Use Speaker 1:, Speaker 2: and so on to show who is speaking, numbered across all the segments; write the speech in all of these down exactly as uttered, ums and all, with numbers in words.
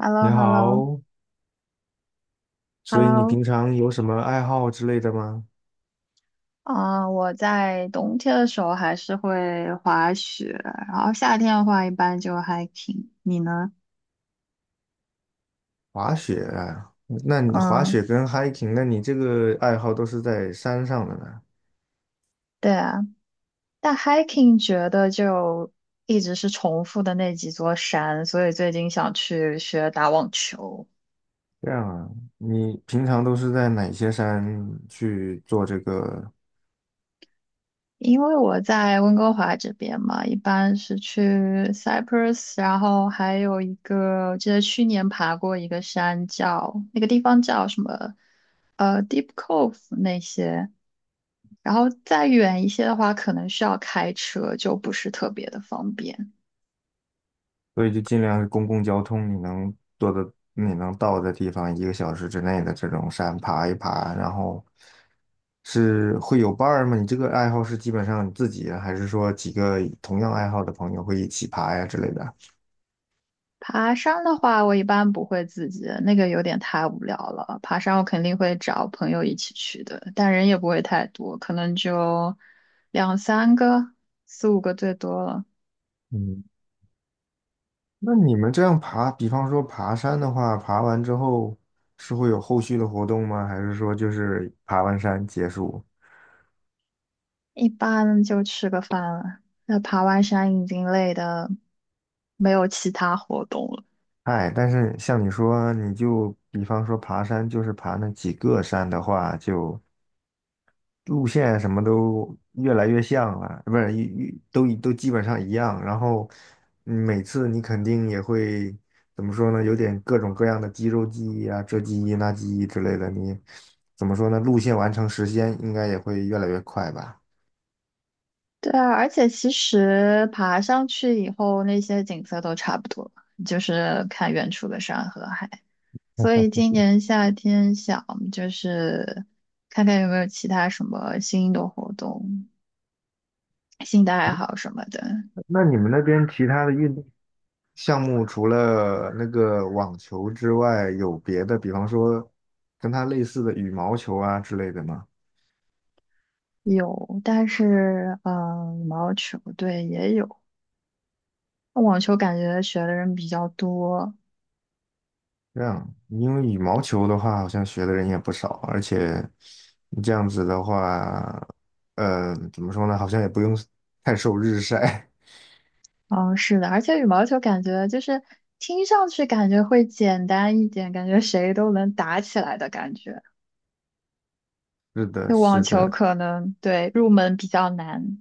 Speaker 1: h e l l o
Speaker 2: 你
Speaker 1: h e l l o
Speaker 2: 好，
Speaker 1: h e l
Speaker 2: 所
Speaker 1: l
Speaker 2: 以你
Speaker 1: o
Speaker 2: 平常有什么爱好之类的吗？
Speaker 1: 啊，我在冬天的时候还是会滑雪，然后夏天的话一般就 hiking。你呢？
Speaker 2: 滑雪啊，那你滑
Speaker 1: 嗯，
Speaker 2: 雪跟 hiking，那你这个爱好都是在山上的呢？
Speaker 1: 对啊，但 hiking 觉得就一直是重复的那几座山，所以最近想去学打网球。
Speaker 2: 这样啊，你平常都是在哪些山去做这个？
Speaker 1: 因为我在温哥华这边嘛，一般是去 Cyprus，然后还有一个，我记得去年爬过一个山叫，那个地方叫什么，呃，Deep Cove 那些。然后再远一些的话，可能需要开车，就不是特别的方便。
Speaker 2: 所以就尽量是公共交通你能做的、你能到的地方，一个小时之内的这种山爬一爬，然后是会有伴儿吗？你这个爱好是基本上你自己，还是说几个同样爱好的朋友会一起爬呀之类的？
Speaker 1: 爬山的话，我一般不会自己，那个有点太无聊了。爬山我肯定会找朋友一起去的，但人也不会太多，可能就两三个、四五个最多了。
Speaker 2: 嗯。那你们这样爬，比方说爬山的话，爬完之后是会有后续的活动吗？还是说就是爬完山结束？
Speaker 1: 一般就吃个饭了。那爬完山已经累的没有其他活动了。
Speaker 2: 哎，但是像你说，你就比方说爬山，就是爬那几个山的话，就路线什么都越来越像了，不是，一一都一都基本上一样。然后嗯每次你肯定也会怎么说呢？有点各种各样的肌肉记忆啊，这记忆那记忆之类的。你怎么说呢？路线完成时间应该也会越来越快吧？
Speaker 1: 对啊，而且其实爬上去以后，那些景色都差不多，就是看远处的山和海。所以今年夏天想就是看看有没有其他什么新的活动、新的爱好什么的。
Speaker 2: 那你们那边其他的运动项目除了那个网球之外，有别的，比方说跟它类似的羽毛球啊之类的吗？
Speaker 1: 有，但是嗯，呃羽毛球对也有，网球感觉学的人比较多，
Speaker 2: 这样，因为羽毛球的话，好像学的人也不少，而且你这样子的话，呃，怎么说呢？好像也不用 太受日晒。
Speaker 1: 哦，是的，而且羽毛球感觉就是听上去感觉会简单一点，感觉谁都能打起来的感觉。
Speaker 2: 是的，
Speaker 1: 就网
Speaker 2: 是
Speaker 1: 球
Speaker 2: 的，
Speaker 1: 可能对入门比较难。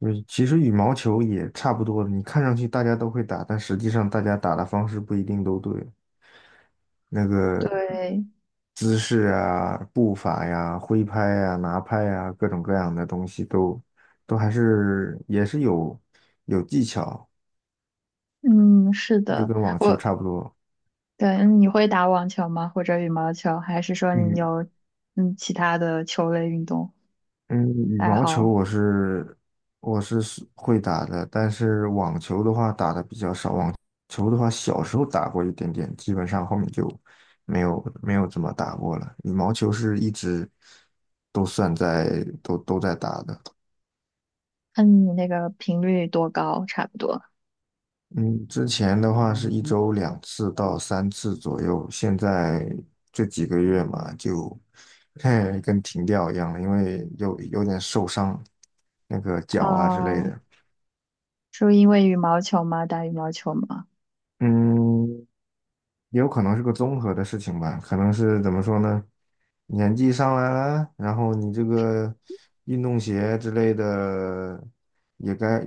Speaker 2: 嗯，其实羽毛球也差不多，你看上去大家都会打，但实际上大家打的方式不一定都对，那个
Speaker 1: 对，
Speaker 2: 姿势啊、步伐呀、挥拍呀、拿拍呀，各种各样的东西都都还是也是有有技巧，
Speaker 1: 嗯，是
Speaker 2: 就
Speaker 1: 的，
Speaker 2: 跟网球
Speaker 1: 我
Speaker 2: 差不多。
Speaker 1: 对，你会打网球吗？或者羽毛球？还是说你
Speaker 2: 羽
Speaker 1: 有嗯其他的球类运动
Speaker 2: 嗯，羽
Speaker 1: 爱
Speaker 2: 毛球
Speaker 1: 好？
Speaker 2: 我是我是是会打的，但是网球的话打的比较少。网球的话，小时候打过一点点，基本上后面就没有没有怎么打过了。羽毛球是一直都算在都都在打的。
Speaker 1: 那你那个频率多高，差不多。
Speaker 2: 嗯，之前的话是一周两次到三次左右，现在这几个月嘛，就 嘿，跟停掉一样了，因为有有点受伤，那个脚啊之类
Speaker 1: 哦，
Speaker 2: 的。
Speaker 1: 是因为羽毛球吗？打羽毛球吗？
Speaker 2: 嗯，也有可能是个综合的事情吧，可能是怎么说呢？年纪上来了，然后你这个运动鞋之类的也该，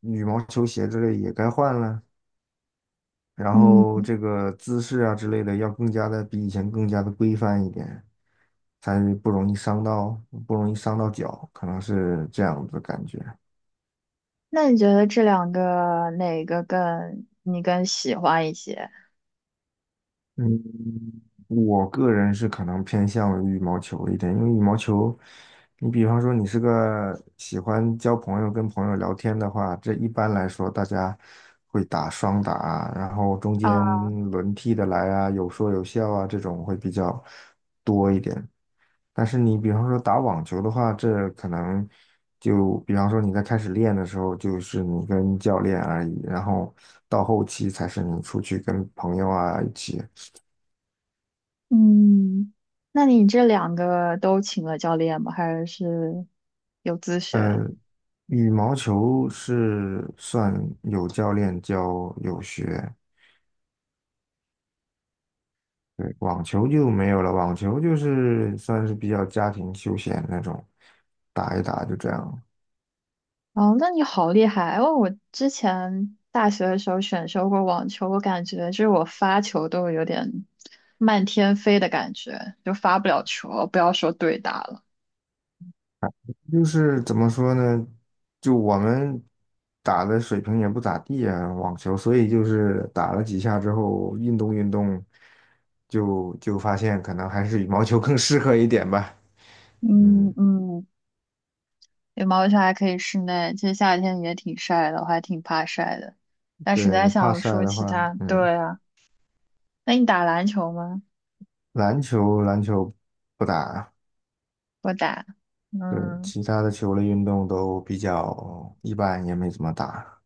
Speaker 2: 羽毛球鞋之类也该换了，然
Speaker 1: 嗯。
Speaker 2: 后这个姿势啊之类的要更加的比以前更加的规范一点，才不容易伤到，不容易伤到脚，可能是这样子的感觉。
Speaker 1: 那你觉得这两个哪个更你更喜欢一些
Speaker 2: 嗯，我个人是可能偏向于羽毛球一点，因为羽毛球，你比方说你是个喜欢交朋友、跟朋友聊天的话，这一般来说大家会打双打啊然后中
Speaker 1: 啊？
Speaker 2: 间轮替的来啊，有说有笑啊，这种会比较多一点。但是你比方说打网球的话，这可能就比方说你在开始练的时候，就是你跟教练而已，然后到后期才是你出去跟朋友啊一起。
Speaker 1: 嗯，那你这两个都请了教练吗？还是有自
Speaker 2: 呃，
Speaker 1: 学？
Speaker 2: 羽毛球是算有教练教有学，对，网球就没有了。网球就是算是比较家庭休闲那种，打一打就这样。
Speaker 1: 哦，那你好厉害！哦！我之前大学的时候选修过网球，我感觉就是我发球都有点漫天飞的感觉，就发不了球，不要说对打了。
Speaker 2: 就是怎么说呢，就我们打的水平也不咋地啊，网球，所以就是打了几下之后运动运动，就就发现可能还是羽毛球更适合一点吧。嗯，
Speaker 1: 嗯嗯，羽毛球还可以室内，其实夏天也挺晒的，我还挺怕晒的，但实
Speaker 2: 对，
Speaker 1: 在
Speaker 2: 你怕
Speaker 1: 想不
Speaker 2: 晒
Speaker 1: 出
Speaker 2: 的
Speaker 1: 其
Speaker 2: 话，
Speaker 1: 他。
Speaker 2: 嗯。
Speaker 1: 对啊，那你打篮球吗？
Speaker 2: 篮球篮球不打，
Speaker 1: 我打，
Speaker 2: 对，
Speaker 1: 嗯，
Speaker 2: 其他的球类运动都比较一般，也没怎么打。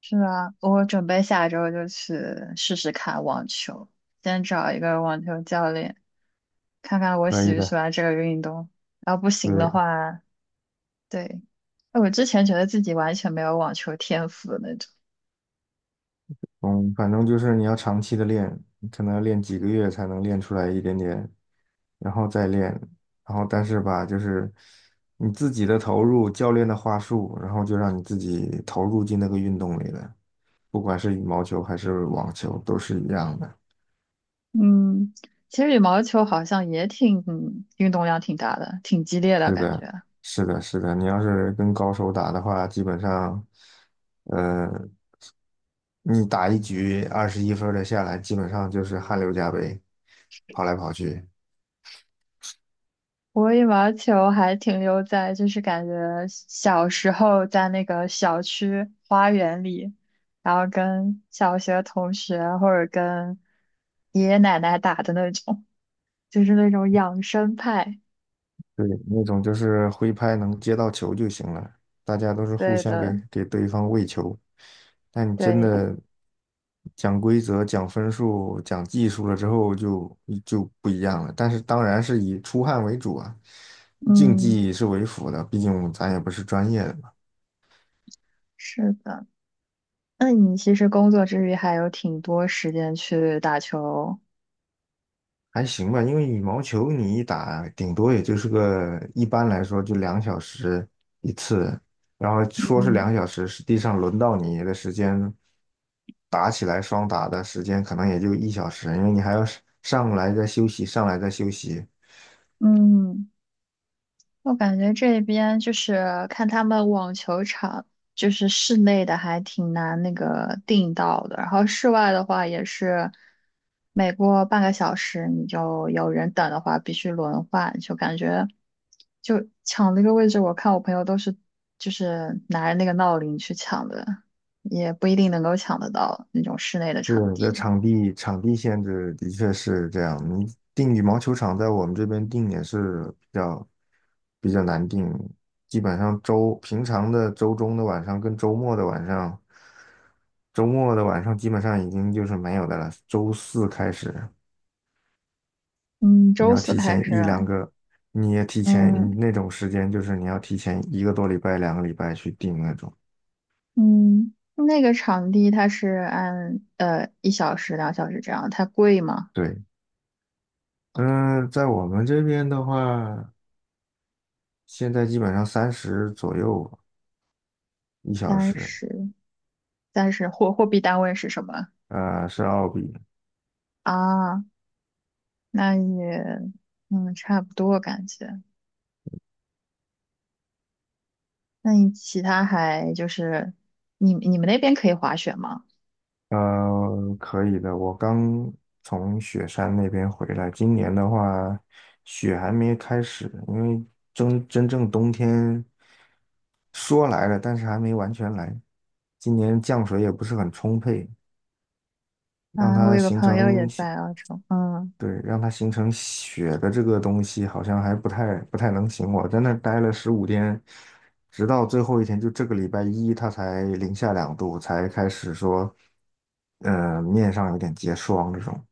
Speaker 1: 是啊，我准备下周就去试试看网球，先找一个网球教练，看看我
Speaker 2: 可
Speaker 1: 喜
Speaker 2: 以
Speaker 1: 不喜
Speaker 2: 的，
Speaker 1: 欢这个运动。然后不行的
Speaker 2: 对，
Speaker 1: 话，对，哎我之前觉得自己完全没有网球天赋的那种。
Speaker 2: 嗯，反正就是你要长期的练，可能要练几个月才能练出来一点点，然后再练，然后但是吧，就是你自己的投入，教练的话术，然后就让你自己投入进那个运动里了，不管是羽毛球还是网球，都是一样的。
Speaker 1: 嗯，其实羽毛球好像也挺，嗯运动量挺大的，挺激烈的
Speaker 2: 是
Speaker 1: 感
Speaker 2: 的，
Speaker 1: 觉。
Speaker 2: 是的，是的。你要是跟高手打的话，基本上，呃，你打一局二十一分儿的下来，基本上就是汗流浃背，跑来跑去。
Speaker 1: 我羽毛球还停留在就是感觉小时候在那个小区花园里，然后跟小学同学或者跟爷爷奶奶打的那种，就是那种养生派。
Speaker 2: 对，那种就是挥拍能接到球就行了，大家都是互
Speaker 1: 对
Speaker 2: 相给
Speaker 1: 的，
Speaker 2: 给对方喂球。但你真
Speaker 1: 对，
Speaker 2: 的讲规则、讲分数、讲技术了之后就，就不一样了。但是当然是以出汗为主啊，竞
Speaker 1: 嗯，
Speaker 2: 技是为辅的，毕竟咱也不是专业的。
Speaker 1: 是的。那你其实工作之余还有挺多时间去打球。
Speaker 2: 还行吧，因为羽毛球你一打，顶多也就是个，一般来说就两小时一次，然后说是
Speaker 1: 嗯
Speaker 2: 两小时，实际上轮到你的时间，打起来双打的时间可能也就一小时，因为你还要上上来再休息，上来再休息。
Speaker 1: 嗯。我感觉这边就是看他们网球场，就是室内的还挺难那个订到的，然后室外的话也是，每过半个小时你就有人等的话必须轮换，就感觉就抢那个位置，我看我朋友都是就是拿着那个闹铃去抢的，也不一定能够抢得到那种室内的场
Speaker 2: 是的，
Speaker 1: 地。
Speaker 2: 场地场地限制的确是这样。你定羽毛球场在我们这边定也是比较比较难定，基本上周平常的周中的晚上跟周末的晚上，周末的晚上基本上已经就是没有的了。周四开始，
Speaker 1: 嗯，
Speaker 2: 你
Speaker 1: 周
Speaker 2: 要
Speaker 1: 四
Speaker 2: 提
Speaker 1: 开
Speaker 2: 前
Speaker 1: 始
Speaker 2: 一两
Speaker 1: 啊，
Speaker 2: 个，你也提前
Speaker 1: 嗯，
Speaker 2: 你那种时间，就是你要提前一个多礼拜、两个礼拜去定那种。
Speaker 1: 嗯，那个场地它是按呃一小时、两小时这样，它贵吗？
Speaker 2: 对，嗯，在我们这边的话，现在基本上三十左右，一小
Speaker 1: 三
Speaker 2: 时，
Speaker 1: 十，三十货货币单位是什么
Speaker 2: 呃，是奥比，
Speaker 1: 啊？那也嗯差不多感觉。那你其他还就是你你们那边可以滑雪吗？
Speaker 2: 呃，可以的。我刚从雪山那边回来，今年的话，雪还没开始，因为真真正冬天说来了，但是还没完全来。今年降水也不是很充沛，让
Speaker 1: 啊，我
Speaker 2: 它
Speaker 1: 有个
Speaker 2: 形
Speaker 1: 朋友也
Speaker 2: 成
Speaker 1: 在澳洲，嗯，
Speaker 2: 对，让它形成雪的这个东西，好像还不太不太能行。我在那儿待了十五天，直到最后一天，就这个礼拜一，它才零下两度，才开始说，呃，面上有点结霜这种。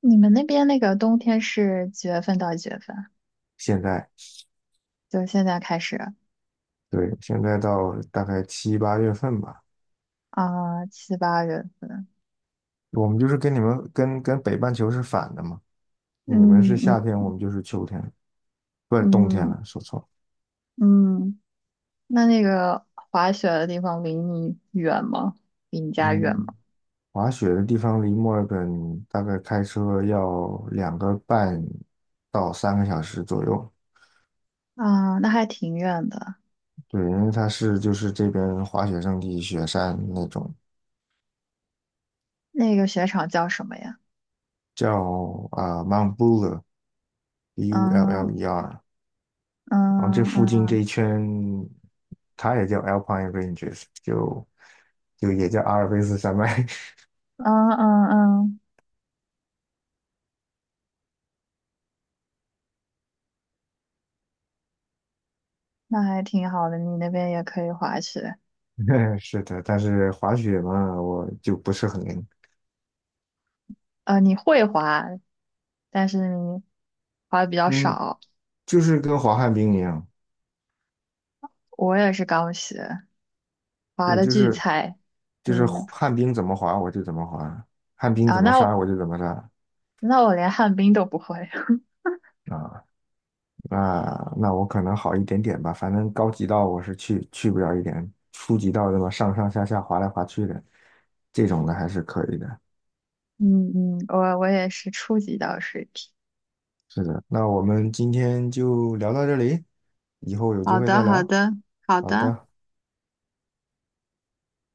Speaker 1: 你们那边那个冬天是几月份到几月份啊？
Speaker 2: 现在，
Speaker 1: 就现在开始
Speaker 2: 对，现在到大概七八月份吧，
Speaker 1: 啊，七八月份，
Speaker 2: 我们就是跟你们跟跟北半球是反的嘛，你们
Speaker 1: 嗯
Speaker 2: 是
Speaker 1: 嗯
Speaker 2: 夏天，我们就是秋天，不是冬天
Speaker 1: 嗯。
Speaker 2: 了，说错了。
Speaker 1: 嗯那那个滑雪的地方离你远吗？离你家远
Speaker 2: 嗯，
Speaker 1: 吗？
Speaker 2: 滑雪的地方离墨尔本大概开车要两个半到三个小时左右。
Speaker 1: 啊，那还挺远的。
Speaker 2: 对，因为它是就是这边滑雪胜地雪山那种，
Speaker 1: 那个雪场叫什么呀？
Speaker 2: 叫啊、Mount Buller，B U L L E R。
Speaker 1: 嗯
Speaker 2: 然后这
Speaker 1: 嗯
Speaker 2: 附近这
Speaker 1: 嗯
Speaker 2: 一圈，它也叫 Alpine Ranges，就就也叫阿尔卑斯山脉。
Speaker 1: 嗯嗯嗯，那还挺好的。你那边也可以滑雪，
Speaker 2: 是的，但是滑雪嘛，我就不是很灵。
Speaker 1: 呃，你会滑，但是你滑的比较
Speaker 2: 嗯，
Speaker 1: 少。
Speaker 2: 就是跟滑旱冰一样。
Speaker 1: 我也是刚学，滑
Speaker 2: 对，
Speaker 1: 的
Speaker 2: 就
Speaker 1: 巨
Speaker 2: 是
Speaker 1: 菜。
Speaker 2: 就是
Speaker 1: 嗯
Speaker 2: 旱冰怎么滑我就怎么滑，旱冰
Speaker 1: 啊，
Speaker 2: 怎么
Speaker 1: 那我
Speaker 2: 杀我就怎么杀
Speaker 1: 那我连旱冰都不会。
Speaker 2: 啊。那那我可能好一点点吧，反正高级道我是去去不了一点，初级道对么上上下下滑来滑去的，这种的还是可以的。
Speaker 1: 嗯嗯，我我也是初级到水平。
Speaker 2: 是的，那我们今天就聊到这里，以后有机
Speaker 1: 好
Speaker 2: 会
Speaker 1: 的，
Speaker 2: 再
Speaker 1: 好
Speaker 2: 聊。
Speaker 1: 的，好
Speaker 2: 好
Speaker 1: 的。
Speaker 2: 的。